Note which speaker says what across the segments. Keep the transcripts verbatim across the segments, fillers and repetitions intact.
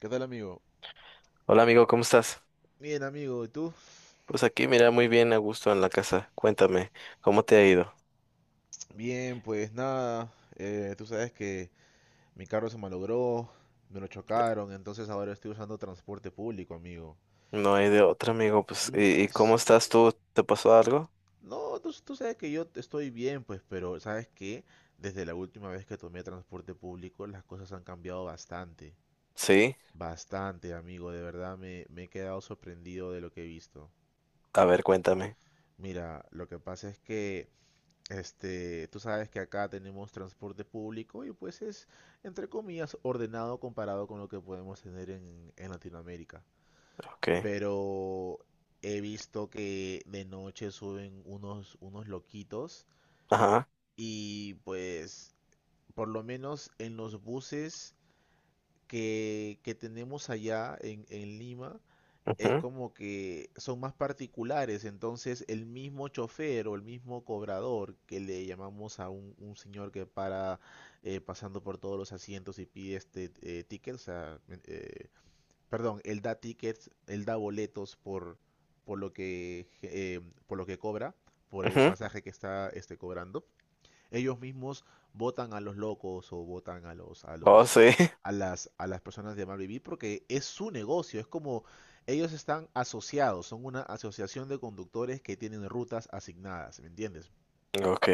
Speaker 1: ¿Qué tal, amigo?
Speaker 2: Hola amigo, ¿cómo estás?
Speaker 1: Bien, amigo, ¿y tú?
Speaker 2: Pues aquí, mira, muy bien, a gusto en la casa. Cuéntame, ¿cómo te ha ido?
Speaker 1: Bien, pues nada, eh, tú sabes que mi carro se malogró, me lo chocaron, entonces ahora estoy usando transporte público, amigo.
Speaker 2: No hay de otra, amigo. Pues,
Speaker 1: Mm,
Speaker 2: ¿y, y
Speaker 1: es-
Speaker 2: cómo estás tú? ¿Te pasó algo?
Speaker 1: No, tú, tú sabes que yo estoy bien, pues, pero ¿sabes qué? Desde la última vez que tomé transporte público, las cosas han cambiado bastante.
Speaker 2: Sí.
Speaker 1: Bastante, amigo, de verdad me, me he quedado sorprendido de lo que he visto.
Speaker 2: A ver, cuéntame.
Speaker 1: Mira, lo que pasa es que Este, tú sabes que acá tenemos transporte público y pues es, entre comillas, ordenado comparado con lo que podemos tener en, en Latinoamérica.
Speaker 2: Ok.
Speaker 1: Pero he visto que de noche suben unos, unos loquitos
Speaker 2: Ajá.
Speaker 1: y pues por lo menos en los buses que, que tenemos allá en, en Lima, es
Speaker 2: Ujú,
Speaker 1: como que son más particulares. Entonces el mismo chofer o el mismo cobrador, que le llamamos a un, un señor que para eh, pasando por todos los asientos y pide este eh, tickets. O sea, eh, perdón, él da tickets, él da boletos por, por lo que eh, por lo que cobra, por el
Speaker 2: ujú.
Speaker 1: pasaje que está este, cobrando, ellos mismos votan a los locos o votan a los a
Speaker 2: Oh,
Speaker 1: los
Speaker 2: sí.
Speaker 1: a las a las personas de mal vivir porque es su negocio. Es como ellos están asociados, son una asociación de conductores que tienen rutas asignadas, ¿me entiendes?
Speaker 2: Ok.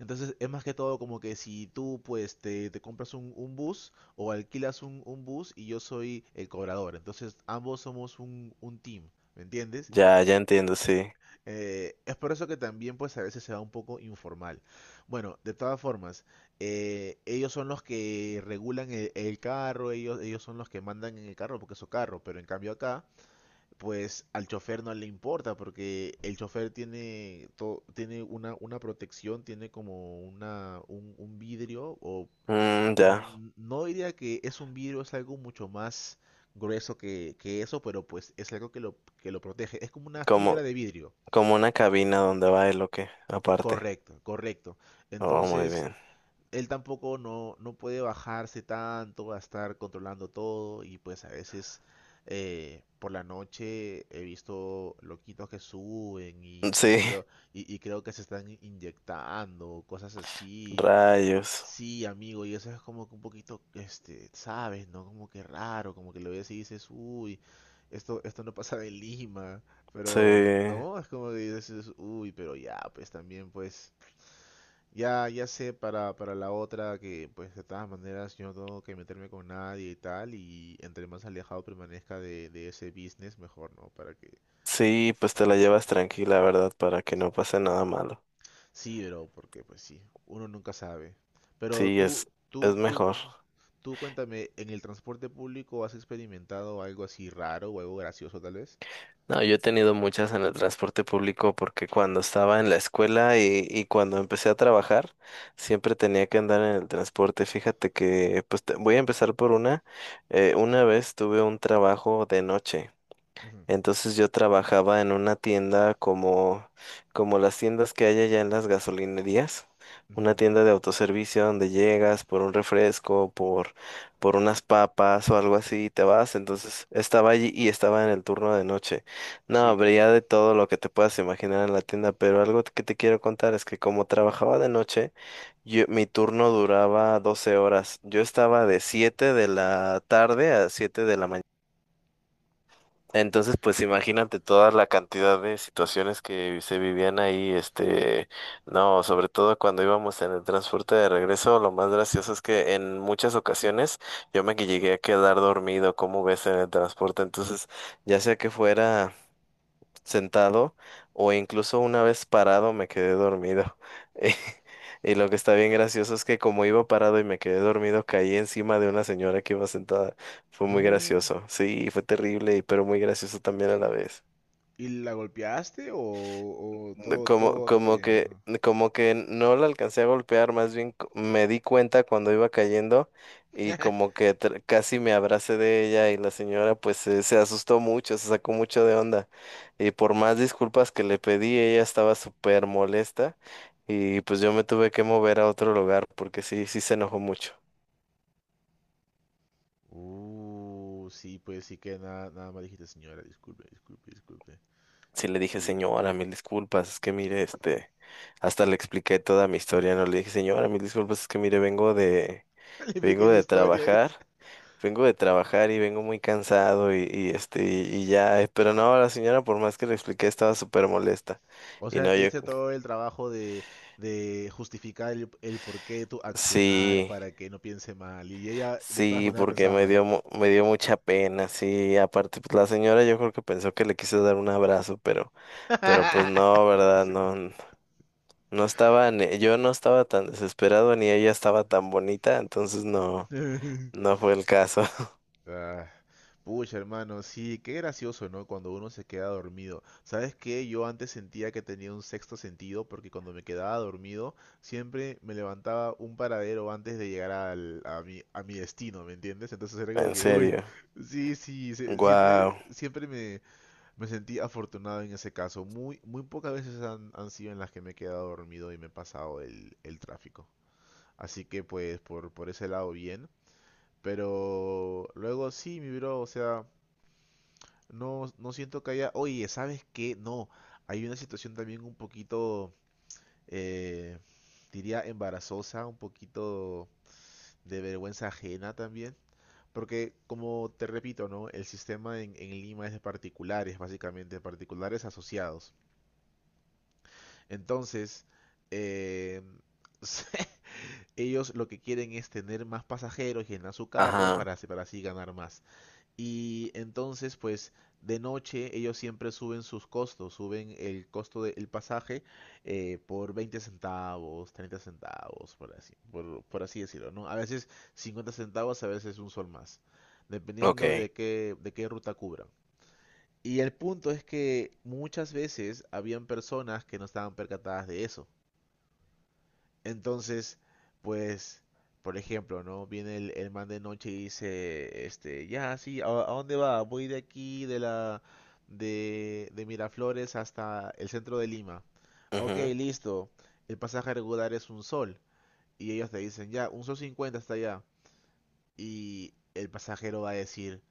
Speaker 1: Entonces es más que todo como que si tú pues te, te compras un, un bus o alquilas un, un bus y yo soy el cobrador, entonces ambos somos un, un team, ¿me entiendes?
Speaker 2: Ya, ya entiendo, sí.
Speaker 1: Eh, es por eso que también pues a veces se da un poco informal. Bueno, de todas formas, eh, ellos son los que regulan el, el carro, ellos, ellos son los que mandan en el carro porque es su carro. Pero en cambio acá pues al chofer no le importa porque el chofer tiene, to- tiene una, una protección, tiene como una, un, un vidrio o
Speaker 2: Mm, ya.
Speaker 1: mm, no diría que es un vidrio, es algo mucho más grueso que, que eso, pero pues es algo que lo, que lo protege, es como una fibra
Speaker 2: Como,
Speaker 1: de vidrio.
Speaker 2: como una cabina donde va el lo que, aparte.
Speaker 1: Correcto, correcto.
Speaker 2: Oh, muy
Speaker 1: Entonces,
Speaker 2: bien.
Speaker 1: él tampoco no, no puede bajarse tanto a estar controlando todo y pues a veces eh, por la noche he visto loquitos que suben
Speaker 2: Mm,
Speaker 1: y, y
Speaker 2: sí.
Speaker 1: creo, y, y creo que se están inyectando, cosas así.
Speaker 2: Rayos.
Speaker 1: Sí, amigo, y eso es como que un poquito, este, sabes, ¿no? Como que raro, como que lo ves y dices, uy, esto, esto no pasa de Lima, pero
Speaker 2: Sí.
Speaker 1: no, es como que dices, uy, pero ya, pues también pues ya, ya sé para, para la otra, que pues de todas maneras yo no tengo que meterme con nadie y tal, y entre más alejado permanezca de, de ese business mejor, ¿no? Para que,
Speaker 2: Sí, pues
Speaker 1: para
Speaker 2: te
Speaker 1: que
Speaker 2: la
Speaker 1: no pase
Speaker 2: llevas
Speaker 1: nada.
Speaker 2: tranquila, ¿verdad? Para que no pase nada malo.
Speaker 1: Sí, pero porque pues sí, uno nunca sabe. Pero
Speaker 2: Sí,
Speaker 1: tú,
Speaker 2: es,
Speaker 1: tú,
Speaker 2: es
Speaker 1: tú,
Speaker 2: mejor.
Speaker 1: cuen- tú cuéntame, ¿en el transporte público has experimentado algo así raro o algo gracioso tal vez?
Speaker 2: No, yo he tenido muchas en el transporte público porque cuando estaba en la escuela y, y cuando empecé a trabajar, siempre tenía que andar en el transporte. Fíjate que, pues te- voy a empezar por una. Eh, una vez tuve un trabajo de noche.
Speaker 1: Ujú,
Speaker 2: Entonces yo trabajaba en una tienda como, como las tiendas que hay allá en las gasolinerías,
Speaker 1: ujú.
Speaker 2: una tienda de autoservicio donde llegas por un refresco, por, por unas papas o algo así y te vas. Entonces estaba allí y estaba en el turno de noche. No,
Speaker 1: Sí.
Speaker 2: habría de todo lo que te puedas imaginar en la tienda, pero algo que te quiero contar es que como trabajaba de noche, yo- mi turno duraba doce horas. Yo estaba de siete de la tarde a siete de la mañana. Entonces, pues imagínate toda la cantidad de situaciones que se vivían ahí, este, no, sobre todo cuando íbamos en el transporte de regreso, lo más gracioso es que en muchas ocasiones yo me que llegué a quedar dormido, como ves, en el transporte, entonces, ya sea que fuera sentado o incluso una vez parado me quedé dormido. Y lo que está bien gracioso es que como iba parado y me quedé dormido, caí encima de una señora que iba sentada. Fue muy
Speaker 1: No.
Speaker 2: gracioso. Sí, fue terrible, pero muy gracioso también a la vez.
Speaker 1: ¿Y la golpeaste o, o
Speaker 2: No,
Speaker 1: todo,
Speaker 2: Como,
Speaker 1: todo, todo
Speaker 2: como
Speaker 1: bien, o
Speaker 2: que,
Speaker 1: no?
Speaker 2: como que no la alcancé a golpear, más bien co- me di cuenta cuando iba cayendo y como que tr- casi me abracé de ella y la señora pues se, se asustó mucho, se sacó mucho de onda y por más disculpas que le pedí, ella estaba súper molesta y pues yo me tuve que mover a otro lugar porque sí, sí se enojó mucho.
Speaker 1: Uh, sí, pues sí, que nada, nada más dijiste, señora, disculpe, disculpe, disculpe.
Speaker 2: Sí le dije,
Speaker 1: Y
Speaker 2: señora, mil disculpas, es que mire, este, hasta le expliqué toda mi historia, no le dije, señora, mil disculpas, es que mire, vengo de
Speaker 1: le expliqué
Speaker 2: vengo
Speaker 1: mi
Speaker 2: de
Speaker 1: historia esa.
Speaker 2: trabajar, vengo de trabajar y vengo muy cansado y, y, este y, y ya, eh, pero no, la señora por más que le expliqué estaba súper molesta.
Speaker 1: O
Speaker 2: Y
Speaker 1: sea,
Speaker 2: no,
Speaker 1: te
Speaker 2: yo
Speaker 1: hice todo el trabajo de, de justificar el, el porqué de tu accionar
Speaker 2: sí,
Speaker 1: para que no piense mal. Y ella de todas
Speaker 2: sí,
Speaker 1: maneras
Speaker 2: porque
Speaker 1: pensaba
Speaker 2: me
Speaker 1: mal.
Speaker 2: dio mu- me dio mucha pena, sí, aparte pues la señora yo creo que pensó que le quise dar un abrazo, pero pero pues no, ¿verdad? No n- no estaba ni- yo no estaba tan desesperado ni ella estaba tan bonita, entonces no no fue el caso.
Speaker 1: Ah, pucha, hermano, sí, qué gracioso, ¿no? Cuando uno se queda dormido. ¿Sabes qué? Yo antes sentía que tenía un sexto sentido porque cuando me quedaba dormido siempre me levantaba un paradero antes de llegar al, a mi, a mi destino, ¿me entiendes? Entonces era como
Speaker 2: En
Speaker 1: que, uy,
Speaker 2: serio.
Speaker 1: sí, sí, se- siempre,
Speaker 2: Wow.
Speaker 1: siempre me, me sentí afortunado en ese caso. Muy, muy pocas veces han, han sido en las que me he quedado dormido y me he pasado el, el tráfico. Así que pues por, por ese lado bien. Pero luego sí, mi bro, o sea... No, no siento que haya. Oye, ¿sabes qué? No. Hay una situación también un poquito, eh, diría, embarazosa, un poquito de vergüenza ajena también. Porque, como te repito, ¿no? El sistema en, en Lima es de particulares, básicamente, de particulares asociados. Entonces, eh, ellos lo que quieren es tener más pasajeros, llenar su carro
Speaker 2: Ajá.
Speaker 1: para, así- para así ganar más. Y entonces, pues de noche ellos siempre suben sus costos, suben el costo del pasaje eh, por veinte centavos, treinta centavos, por así, por, por así decirlo, ¿no? A veces cincuenta centavos, a veces un sol más, dependiendo de
Speaker 2: Okay.
Speaker 1: qué, de qué ruta cubran. Y el punto es que muchas veces habían personas que no estaban percatadas de eso. Entonces, pues, por ejemplo, ¿no? Viene el, el man de noche y dice, este, ya, sí, ¿a, a dónde va? Voy de aquí, de la, de, de Miraflores hasta el centro de Lima. Ok,
Speaker 2: Ujú.
Speaker 1: listo. El pasaje regular es un sol. Y ellos te dicen, ya, un sol cincuenta hasta allá. Y el pasajero va a decir,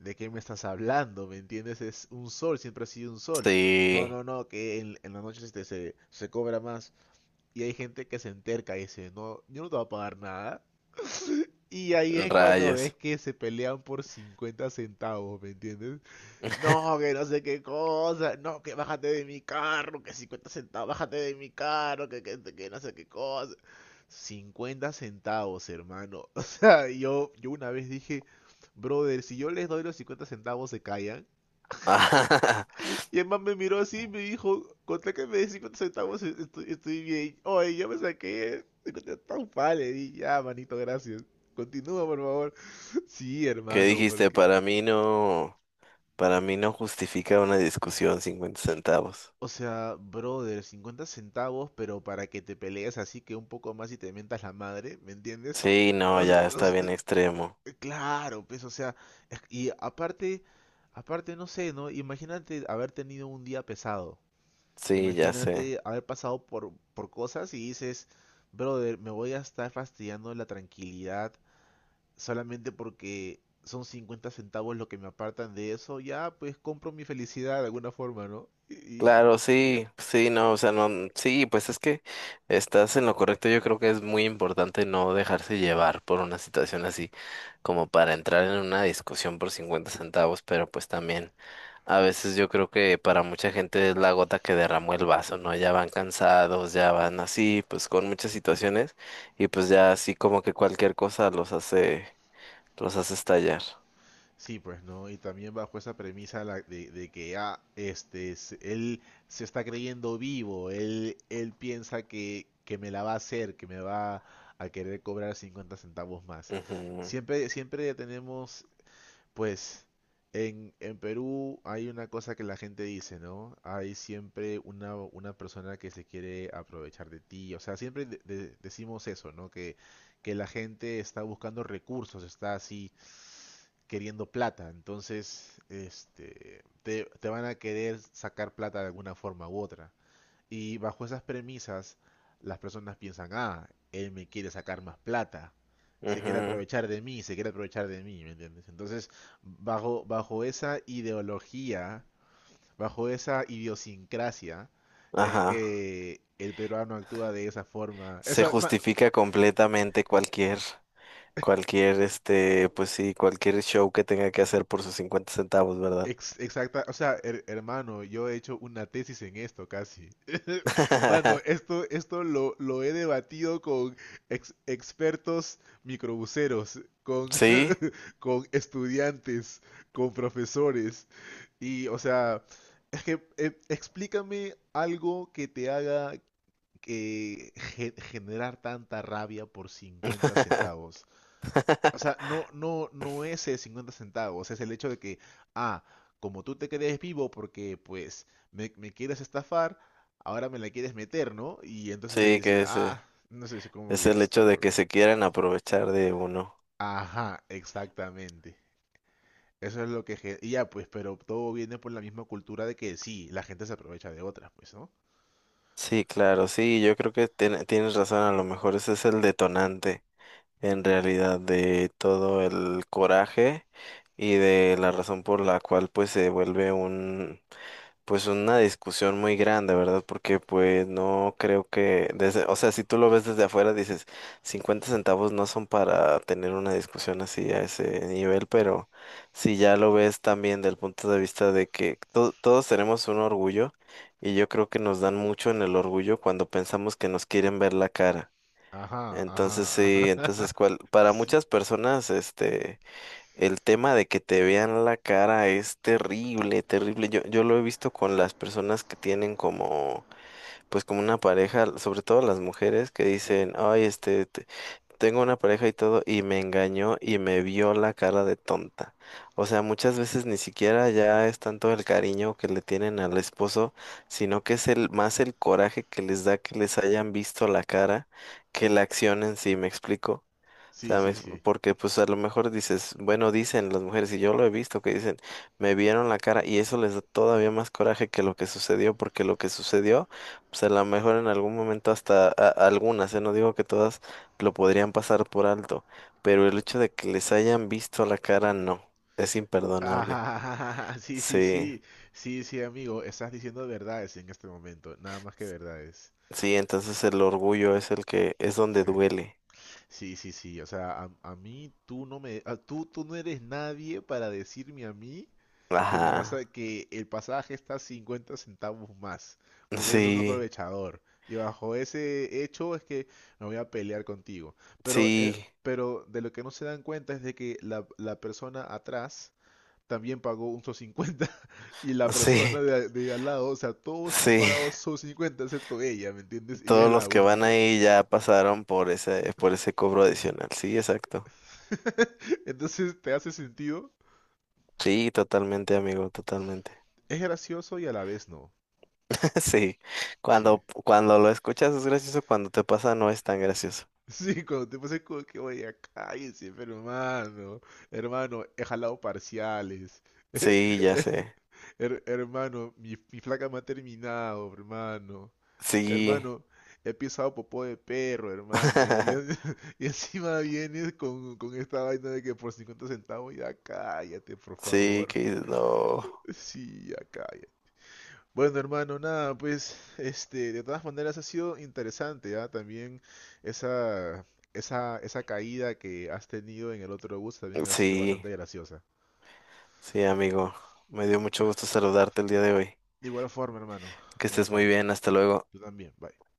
Speaker 1: ¿de qué me estás hablando? ¿Me entiendes? Es un sol, siempre ha sido un sol. No,
Speaker 2: Sí,
Speaker 1: no, no, que en, en la noche este, se, se cobra más. Y hay gente que se enterca y dice, no, yo no te voy a pagar nada. Y ahí es cuando
Speaker 2: rayos.
Speaker 1: ves que se pelean por cincuenta centavos, ¿me entiendes? No, que no sé qué cosa, no, que bájate de mi carro, que cincuenta centavos, bájate de mi carro, que, que, que no sé qué cosa. Cincuenta centavos, hermano. O sea, yo, yo una vez dije, brother, si yo les doy los cincuenta centavos se callan. Y el man me miró así y me dijo, contra que me des cincuenta centavos e-, estoy, estoy bien. Oye, yo me saqué tan centavos, le di, ya, manito, gracias. Continúa, por favor. Sí,
Speaker 2: ¿Qué
Speaker 1: hermano,
Speaker 2: dijiste?
Speaker 1: porque...
Speaker 2: Para mí no, para mí no justifica una discusión cincuenta centavos.
Speaker 1: O sea, brother, cincuenta centavos, pero para que te pelees así, que un poco más y te mientas la madre, ¿me entiendes?
Speaker 2: Sí, no,
Speaker 1: O s-
Speaker 2: ya
Speaker 1: o
Speaker 2: está bien
Speaker 1: s-
Speaker 2: extremo.
Speaker 1: claro, pues, o sea, es- y aparte, aparte, no sé, ¿no? Imagínate haber tenido un día pesado.
Speaker 2: Sí, ya sé.
Speaker 1: Imagínate haber pasado por, por cosas y dices, brother, me voy a estar fastidiando la tranquilidad solamente porque son cincuenta centavos lo que me apartan de eso. Ya, pues compro mi felicidad de alguna forma, ¿no? Y, y-
Speaker 2: Claro,
Speaker 1: y ya.
Speaker 2: sí, sí, no, o sea, no, sí, pues es que estás en lo correcto. Yo creo que es muy importante no dejarse llevar por una situación así, como para entrar en una discusión por cincuenta centavos, pero pues también. A veces yo creo que para mucha gente es la gota que derramó el vaso, ¿no? Ya van cansados, ya van así, pues con muchas situaciones y pues ya así como que cualquier cosa los hace, los hace, estallar.
Speaker 1: Sí, pues, ¿no? Y también bajo esa premisa la- de, de que, ah, este, se- él se está creyendo vivo, él, él piensa que, que me la va a hacer, que me va a querer cobrar cincuenta centavos más. Siempre, siempre tenemos. Pues en, en Perú hay una cosa que la gente dice, ¿no? Hay siempre una, una persona que se quiere aprovechar de ti. O sea, siempre de- de- decimos eso, ¿no? Que, que la gente está buscando recursos, está así queriendo plata. Entonces, este, te, te van a querer sacar plata de alguna forma u otra. Y bajo esas premisas, las personas piensan, ah, él me quiere sacar más plata,
Speaker 2: Ujú,
Speaker 1: se quiere
Speaker 2: ujú,
Speaker 1: aprovechar de mí, se quiere aprovechar de mí, ¿me entiendes? Entonces, bajo, bajo esa ideología, bajo esa idiosincrasia, es
Speaker 2: ajá.
Speaker 1: que el peruano actúa de esa forma.
Speaker 2: Se
Speaker 1: Esa, ma-
Speaker 2: justifica completamente cualquier, cualquier, este, pues sí, cualquier show que tenga que hacer por sus cincuenta centavos, ¿verdad?
Speaker 1: ex- exacta, o sea, her- hermano, yo he hecho una tesis en esto casi. Mano, esto, esto lo, lo he debatido con ex- expertos microbuseros, con,
Speaker 2: Sí.
Speaker 1: con estudiantes, con profesores. Y, o sea, es que eh, explícame algo que te haga que ge- generar tanta rabia por cincuenta centavos. O sea, no, no, no es el cincuenta centavos, es el hecho de que, ah, como tú te crees vivo porque pues me, me quieres estafar, ahora me la quieres meter, ¿no? Y entonces él
Speaker 2: Sí,
Speaker 1: dice,
Speaker 2: que es, eh,
Speaker 1: ah, no sé, es como
Speaker 2: es
Speaker 1: que
Speaker 2: el
Speaker 1: está
Speaker 2: hecho de
Speaker 1: loco.
Speaker 2: que se quieran aprovechar de uno.
Speaker 1: Ajá, exactamente. Eso es lo que... gen- Y ya, pues, pero todo viene por la misma cultura de que sí, la gente se aprovecha de otras, pues, ¿no?
Speaker 2: Sí, claro, sí, yo creo que tiene- tienes razón, a lo mejor ese es el detonante en realidad de todo el coraje y de la razón por la cual pues se vuelve un pues una discusión muy grande, ¿verdad? Porque pues no creo que, desde, o sea, si tú lo ves desde afuera, dices, cincuenta centavos no son para tener una discusión así a ese nivel, pero si ya lo ves también del punto de vista de que to- todos tenemos un orgullo y yo creo que nos dan mucho en el orgullo cuando pensamos que nos quieren ver la cara.
Speaker 1: Ajá,
Speaker 2: Entonces
Speaker 1: ajá,
Speaker 2: sí,
Speaker 1: ajá.
Speaker 2: entonces cual, para
Speaker 1: Sí,
Speaker 2: muchas personas, este... El tema de que te vean la cara es terrible, terrible. Yo, yo lo he visto con las personas que tienen como, pues como una pareja, sobre todo las mujeres que dicen, ay, este, te- tengo una pareja y todo, y me engañó y me vio la cara de tonta. O sea, muchas veces ni siquiera ya es tanto el cariño que le tienen al esposo, sino que es el, más el coraje que les da que les hayan visto la cara que la acción en sí, ¿me explico?
Speaker 1: sí,
Speaker 2: Sea, me
Speaker 1: sí,
Speaker 2: ex-
Speaker 1: sí.
Speaker 2: porque pues a lo mejor dices, bueno, dicen las mujeres, y yo lo he visto que dicen, me vieron la cara, y eso les da todavía más coraje que lo que sucedió, porque lo que sucedió, pues a lo mejor en algún momento hasta a- algunas, eh, no digo que todas lo podrían pasar por alto, pero el hecho de que les hayan visto la cara, no, es imperdonable.
Speaker 1: Ajá, sí, sí,
Speaker 2: Sí,
Speaker 1: sí. Sí, sí, amigo, estás diciendo verdades en este momento, nada más que verdades.
Speaker 2: sí, entonces el orgullo es el que es donde
Speaker 1: Sí.
Speaker 2: duele.
Speaker 1: Sí, sí, sí, o sea, a, a mí tú no me... a- tú, tú no eres nadie para decirme a mí que me vas
Speaker 2: Ajá.
Speaker 1: a, que el pasaje está cincuenta centavos más, porque eres un
Speaker 2: Sí,
Speaker 1: aprovechador. Y bajo ese hecho es que me voy a pelear contigo. Pero, eh,
Speaker 2: sí,
Speaker 1: pero de lo que no se dan cuenta es de que la, la persona atrás también pagó un sol cincuenta y la
Speaker 2: sí,
Speaker 1: persona de, a- de al lado, o sea, todos han
Speaker 2: sí.
Speaker 1: pagado sol cincuenta excepto ella, ¿me entiendes? Y ella es
Speaker 2: Todos los
Speaker 1: la
Speaker 2: que van
Speaker 1: única.
Speaker 2: ahí ya pasaron por ese, por ese cobro adicional. Sí, exacto.
Speaker 1: Entonces, ¿te hace sentido?
Speaker 2: Sí, totalmente, amigo, totalmente.
Speaker 1: Es gracioso y a la vez no.
Speaker 2: Sí.
Speaker 1: Sí.
Speaker 2: Cuando, cuando lo escuchas es gracioso, cuando te pasa no es tan gracioso.
Speaker 1: Sí, cuando te pasas como que, oye, ya cállense, pero hermano, hermano, he jalado parciales.
Speaker 2: Sí, ya sé.
Speaker 1: Her- hermano, mi, mi flaca me ha terminado, hermano.
Speaker 2: Sí.
Speaker 1: Hermano, he pisado popó de perro, hermano. Y, y- y encima vienes con, con esta vaina de que por cincuenta centavos, ya cállate, por
Speaker 2: Sí,
Speaker 1: favor.
Speaker 2: que no.
Speaker 1: Sí, ya cállate. Bueno, hermano, nada, pues, este, de todas maneras ha sido interesante, ¿ah? También esa, esa, esa caída que has tenido en el otro bus también ha sido
Speaker 2: Sí,
Speaker 1: bastante graciosa.
Speaker 2: sí, amigo. Me dio mucho gusto saludarte el día de hoy.
Speaker 1: De igual forma, hermano,
Speaker 2: Que
Speaker 1: de igual
Speaker 2: estés muy
Speaker 1: forma.
Speaker 2: bien, hasta luego.
Speaker 1: Tú también, bye.